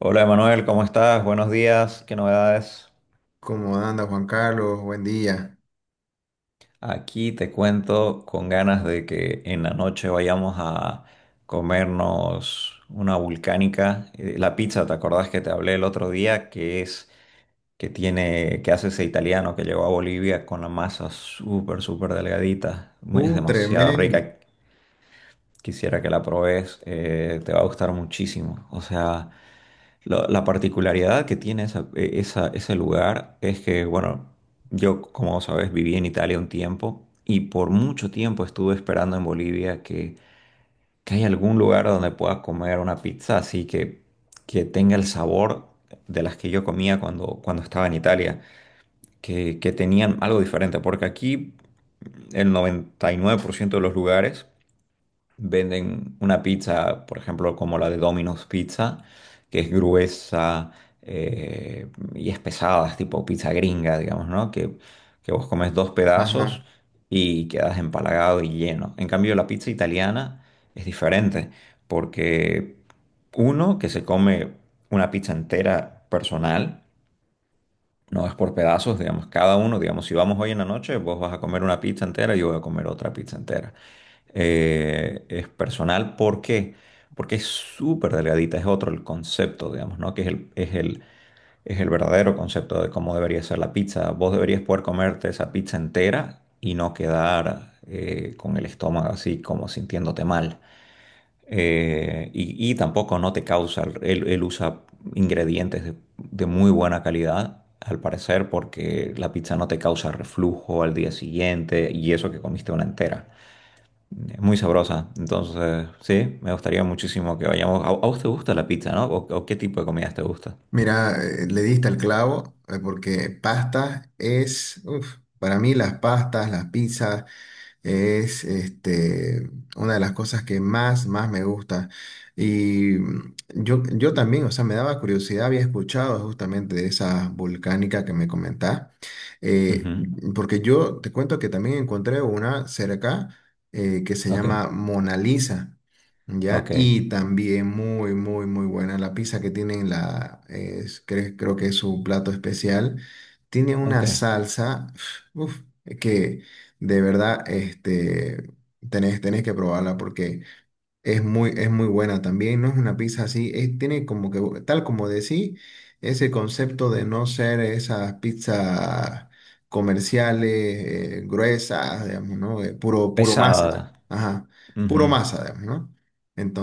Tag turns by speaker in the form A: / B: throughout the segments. A: Hola Emanuel, ¿cómo estás? Buenos días, ¿qué novedades?
B: ¿Cómo anda Juan Carlos? Buen día.
A: Aquí te cuento con ganas de que en la noche vayamos a comernos una vulcánica. La pizza, ¿te acordás que te hablé el otro día? Que hace ese italiano que llegó a Bolivia con la masa súper, súper delgadita. Es demasiado
B: Tremenda.
A: rica. Quisiera que la probes, te va a gustar muchísimo. O sea. La particularidad que tiene ese lugar es que, bueno, yo, como sabes, viví en Italia un tiempo y por mucho tiempo estuve esperando en Bolivia que haya algún lugar donde pueda comer una pizza así que tenga el sabor de las que yo comía cuando estaba en Italia, que tenían algo diferente, porque aquí el 99% de los lugares venden una pizza, por ejemplo, como la de Domino's Pizza, que es gruesa y es pesada, es tipo pizza gringa, digamos, ¿no? Que vos comes dos pedazos
B: Ajá.
A: y quedas empalagado y lleno. En cambio, la pizza italiana es diferente, porque uno que se come una pizza entera personal, no es por pedazos, digamos, cada uno, digamos, si vamos hoy en la noche, vos vas a comer una pizza entera y yo voy a comer otra pizza entera. Es personal, ¿por qué? Porque es súper delgadita, es otro el concepto, digamos, ¿no? Que es el verdadero concepto de cómo debería ser la pizza. Vos deberías poder comerte esa pizza entera y no quedar con el estómago así como sintiéndote mal, y tampoco no te causa, él usa ingredientes de muy buena calidad, al parecer, porque la pizza no te causa reflujo al día siguiente y eso que comiste una entera. Es muy sabrosa, entonces sí, me gustaría muchísimo que vayamos. ¿A vos te gusta la pizza, no? O qué tipo de comidas te gusta?
B: Mira, le diste al clavo, porque pastas es, uf, para mí las pastas, las pizzas es este, una de las cosas que más me gusta. Y yo también, o sea, me daba curiosidad, había escuchado justamente de esa volcánica que me comentás, eh,
A: Ujú.
B: porque yo te cuento que también encontré una cerca, que se
A: Ok,
B: llama Mona Lisa. ¿Ya?
A: ok,
B: Y también muy, muy, muy buena la pizza que tienen, creo que es su plato especial. Tiene una
A: ok.
B: salsa, uf, que de verdad este, tenés que probarla porque es muy buena también, no es una pizza así, tiene como que, tal como decí, ese concepto de no ser esas pizzas comerciales, gruesas, digamos, ¿no? Puro
A: Pesada.
B: masa, ajá, puro
A: Ujú,
B: masa, digamos, ¿no?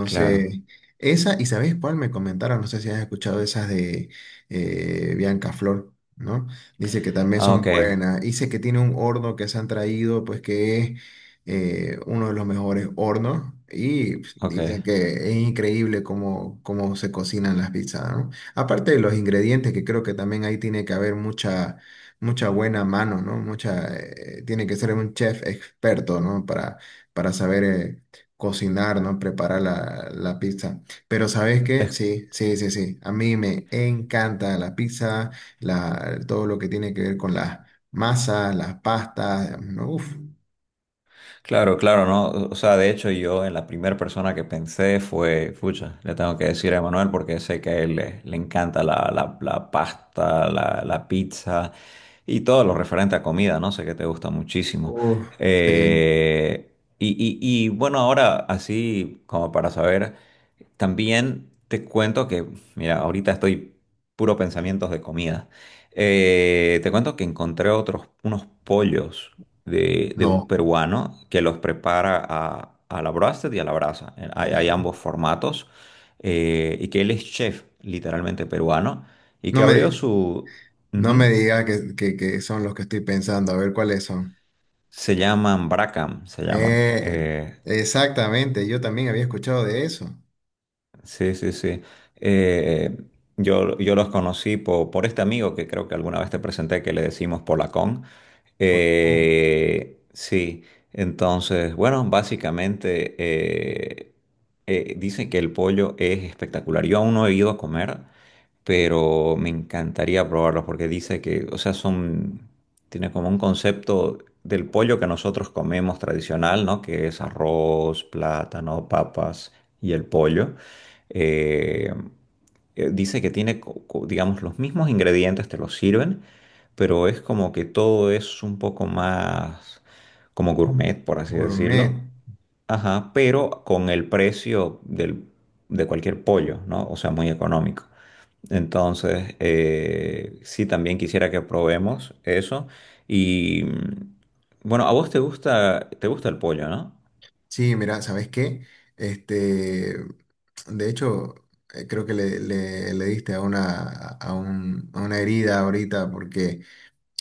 A: claro.
B: ¿y sabes cuál me comentaron? No sé si has escuchado esas de, Bianca Flor, ¿no? Dice que también
A: Ah,
B: son
A: ok,
B: buenas, dice que tiene un horno que se han traído, pues que es, uno de los mejores hornos y pues,
A: ok.
B: dicen que es increíble cómo se cocinan las pizzas, ¿no? Aparte de los ingredientes, que creo que también ahí tiene que haber mucha, mucha buena mano, ¿no? Mucha, tiene que ser un chef experto, ¿no? Para saber, cocinar, ¿no? Preparar la pizza. Pero, ¿sabes qué?
A: Es.
B: Sí, sí, sí, sí. A mí me encanta la pizza, todo lo que tiene que ver con las masas, las pastas, ¿no? Uf.
A: Claro, claro, ¿no? O sea, de hecho yo en la primera persona que pensé fue, pucha, le tengo que decir a Emanuel porque sé que a él le encanta la pasta, la pizza y todo lo referente a comida, ¿no? Sé que te gusta muchísimo.
B: Uf, sí,
A: Eh, y, y, y bueno, ahora así como para saber, también te cuento que, mira, ahorita estoy puro pensamientos de comida. Te cuento que encontré otros, unos pollos de un
B: no,
A: peruano que los prepara a la broasted y a la brasa. Hay
B: eh,
A: ambos formatos. Y que él es chef, literalmente peruano, y
B: no
A: que abrió
B: me,
A: su...
B: no
A: Ujú.
B: me diga que son los que estoy pensando, a ver cuáles son.
A: Se llaman Bracam, se llaman.
B: Eh, Exactamente, yo también había escuchado de eso.
A: Sí, sí, sí. Eh, yo los conocí por, este amigo que creo que alguna vez te presenté, que le decimos Polacón.
B: Por con
A: Sí, entonces, bueno, básicamente dicen que el pollo es espectacular. Yo aún no he ido a comer, pero me encantaría probarlo porque dice que, o sea, son, tiene como un concepto del pollo que nosotros comemos tradicional, ¿no? Que es arroz, plátano, papas y el pollo. Eh, dice que tiene, digamos, los mismos ingredientes, te los sirven, pero es como que todo es un poco más como gourmet, por así
B: Gourmet.
A: decirlo. Ajá, pero con el precio de cualquier pollo, ¿no? O sea, muy económico. Entonces, sí, también quisiera que probemos eso. Y bueno, a vos te gusta el pollo, ¿no?
B: Sí, mira, ¿sabes qué? Este, de hecho, creo que le diste a a una herida ahorita porque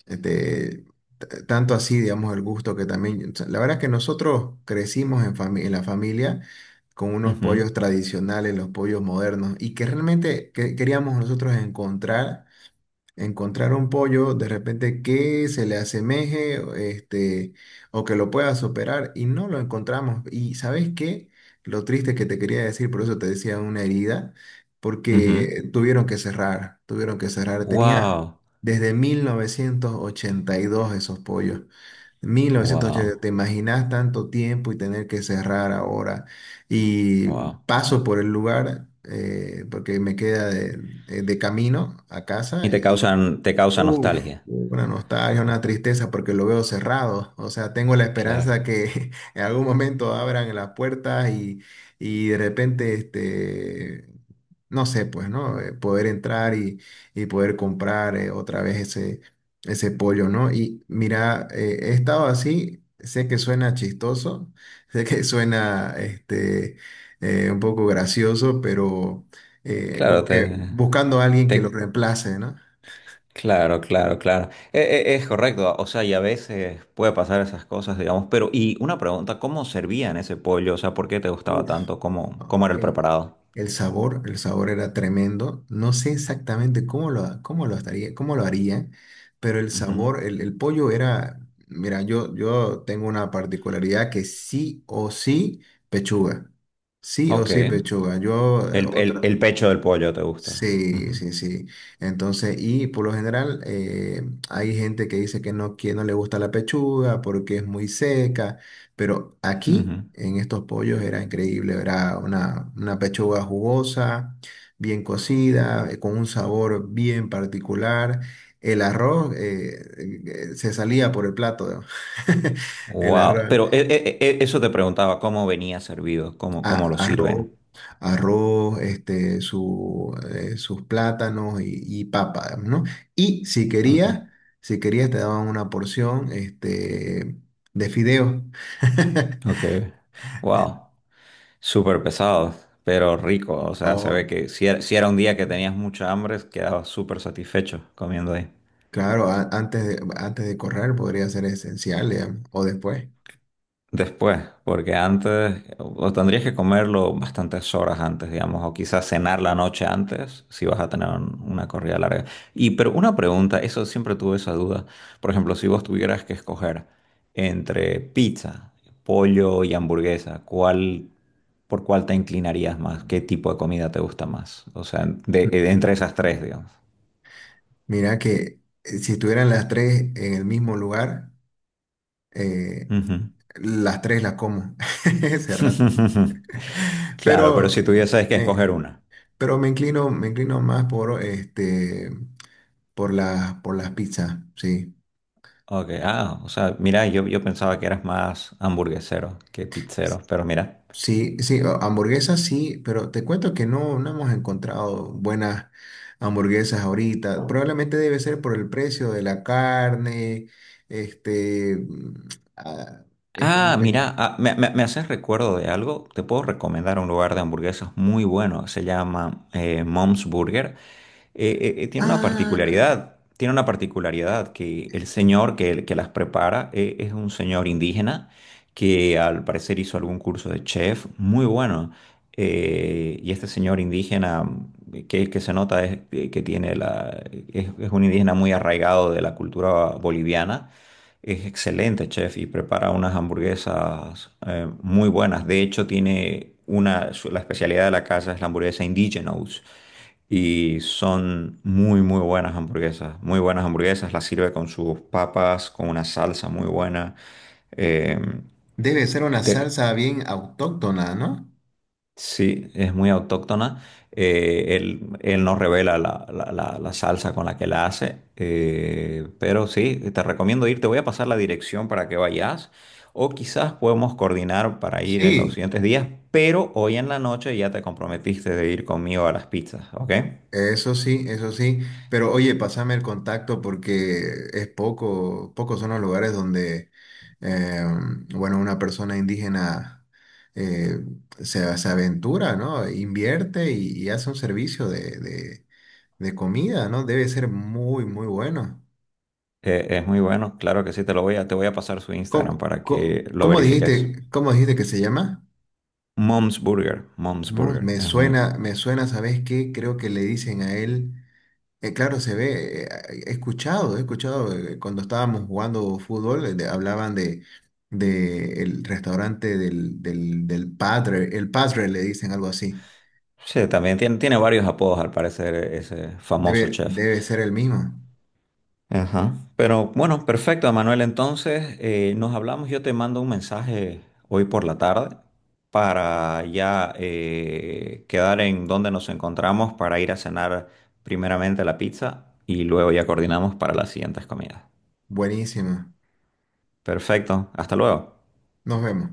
B: este, tanto así, digamos, el gusto que también, o sea, la verdad es que nosotros crecimos en la familia con unos
A: Ujú,
B: pollos tradicionales, los pollos modernos, y que realmente queríamos nosotros encontrar un pollo de repente que se le asemeje, este, o que lo pueda superar y no lo encontramos. ¿Y sabes qué? Lo triste que te quería decir, por eso te decía una herida,
A: ujú.
B: porque tuvieron que cerrar, tuvieron que cerrar. Mm. Tenía
A: Wow,
B: desde 1982 esos pollos. 1980, ¿te
A: wow,
B: imaginas tanto tiempo y tener que cerrar ahora? Y
A: wow.
B: paso por el lugar, porque me queda de camino a
A: Y
B: casa
A: te
B: y.
A: causan, te causa
B: Uf,
A: nostalgia.
B: una nostalgia, una tristeza porque lo veo cerrado. O sea, tengo la
A: Claro,
B: esperanza que en algún momento abran las puertas y, de repente, este, no sé, pues, ¿no? Poder entrar y poder comprar, otra vez ese pollo, ¿no? Y mira, he estado así, sé que suena chistoso, sé que suena este, un poco gracioso, pero
A: claro,
B: como que buscando a alguien que lo
A: te,
B: reemplace, ¿no?
A: claro, claro, claro. Es, correcto, o sea, y a veces puede pasar esas cosas, digamos, pero, y una pregunta, ¿cómo servían ese pollo? O sea, ¿por qué te gustaba
B: Uf.
A: tanto? ¿Cómo,
B: Ah.
A: cómo era el preparado?
B: El sabor era tremendo. No sé exactamente cómo lo estaría, cómo lo haría, pero el
A: Ujú.
B: sabor, el pollo era. Mira, yo tengo una particularidad que sí o sí pechuga. Sí o
A: Ok.
B: sí
A: El,
B: pechuga. Yo,
A: el-
B: otra.
A: el pecho del pollo te gusta.
B: Sí, sí, sí. Entonces, y por lo general, hay gente que dice que no le gusta la pechuga porque es muy seca, pero aquí en estos pollos era increíble, era una pechuga jugosa, bien cocida, con un sabor bien particular. El arroz, se salía por el plato, ¿no? El
A: Wow.
B: arroz,
A: Pero eso te preguntaba, ¿cómo venía servido? ¿Cómo, cómo lo
B: a- arroz,
A: sirven?
B: este, sus plátanos y papa, ¿no? Y
A: Ok.
B: si querías te daban una porción, este, de fideos.
A: Ok. Wow. Súper pesado, pero rico. O sea, se
B: No,
A: ve que si era un día que tenías mucha hambre, quedabas súper satisfecho comiendo ahí.
B: claro, antes de correr podría ser esencial, digamos, o después.
A: Después, porque antes, o tendrías que comerlo bastantes horas antes, digamos, o quizás cenar la noche antes, si vas a tener una corrida larga. Y pero una pregunta, eso siempre tuve esa duda. Por ejemplo, si vos tuvieras que escoger entre pizza, pollo y hamburguesa, ¿Por cuál te inclinarías más? ¿Qué tipo de comida te gusta más? O sea, de, entre esas tres, digamos.
B: Mira que, si estuvieran las tres en el mismo lugar, eh,
A: Ujú.
B: las tres las como ese rato.
A: Claro, pero
B: Pero,
A: si tuvieses que
B: me-
A: escoger una.
B: Pero me inclino más por este, por las pizzas, sí.
A: Ok, ah, o sea, mira, yo pensaba que eras más hamburguesero que pizzero, pero mira.
B: Sí, sí, hamburguesas sí, pero te cuento que no hemos encontrado buenas hamburguesas ahorita. Probablemente debe ser por el precio de la carne, este, ah, es como
A: Ah,
B: que,
A: mira, ah, me haces recuerdo de algo. Te puedo recomendar un lugar de hamburguesas muy bueno. Se llama Mom's Burger. Tiene una
B: ah,
A: particularidad. Tiene una particularidad que el señor que las prepara, es un señor indígena que al parecer hizo algún curso de chef muy bueno. Y este señor indígena que se nota es, que tiene la, es un indígena muy arraigado de la cultura boliviana, es excelente chef, y prepara unas hamburguesas muy buenas. De hecho, tiene la especialidad de la casa es la hamburguesa Indigenous. Y son muy, muy buenas hamburguesas. Muy buenas hamburguesas. Las sirve con sus papas, con una salsa muy buena. Eh,
B: debe ser una
A: te-
B: salsa bien autóctona, ¿no?
A: Sí, es muy autóctona. Él nos revela la salsa con la que la hace. Pero sí, te recomiendo ir. Te voy a pasar la dirección para que vayas. O quizás podemos coordinar para ir en los
B: Sí.
A: siguientes días. Pero hoy en la noche ya te comprometiste de ir conmigo a las pizzas, ¿ok?
B: Eso sí, eso sí. Pero oye, pásame el contacto porque es poco, pocos son los lugares donde, eh, bueno, una persona indígena, eh, se aventura, ¿no? Invierte y hace un servicio de comida, ¿no? Debe ser muy, muy bueno.
A: Es muy bueno. Claro que sí, te lo voy a, te voy a pasar su Instagram
B: ¿Cómo,
A: para
B: cómo-
A: que lo
B: cómo
A: verifiques.
B: dijiste, cómo dijiste que se llama?
A: Mom's Burger. Mom's Burger. Es muy bueno.
B: Me suena, ¿sabes qué? Creo que le dicen a él. Claro, se ve, he escuchado, cuando estábamos jugando fútbol, hablaban de el restaurante del padre, el padre le dicen algo así.
A: Sí, también tiene, tiene varios apodos al parecer ese famoso chef.
B: Debe ser el mismo.
A: Ajá. Pero bueno, perfecto, Manuel. Entonces, nos hablamos. Yo te mando un mensaje hoy por la tarde para ya quedar en donde nos encontramos para ir a cenar primeramente la pizza y luego ya coordinamos para las siguientes comidas.
B: Buenísimo.
A: Perfecto. Hasta luego.
B: Nos vemos.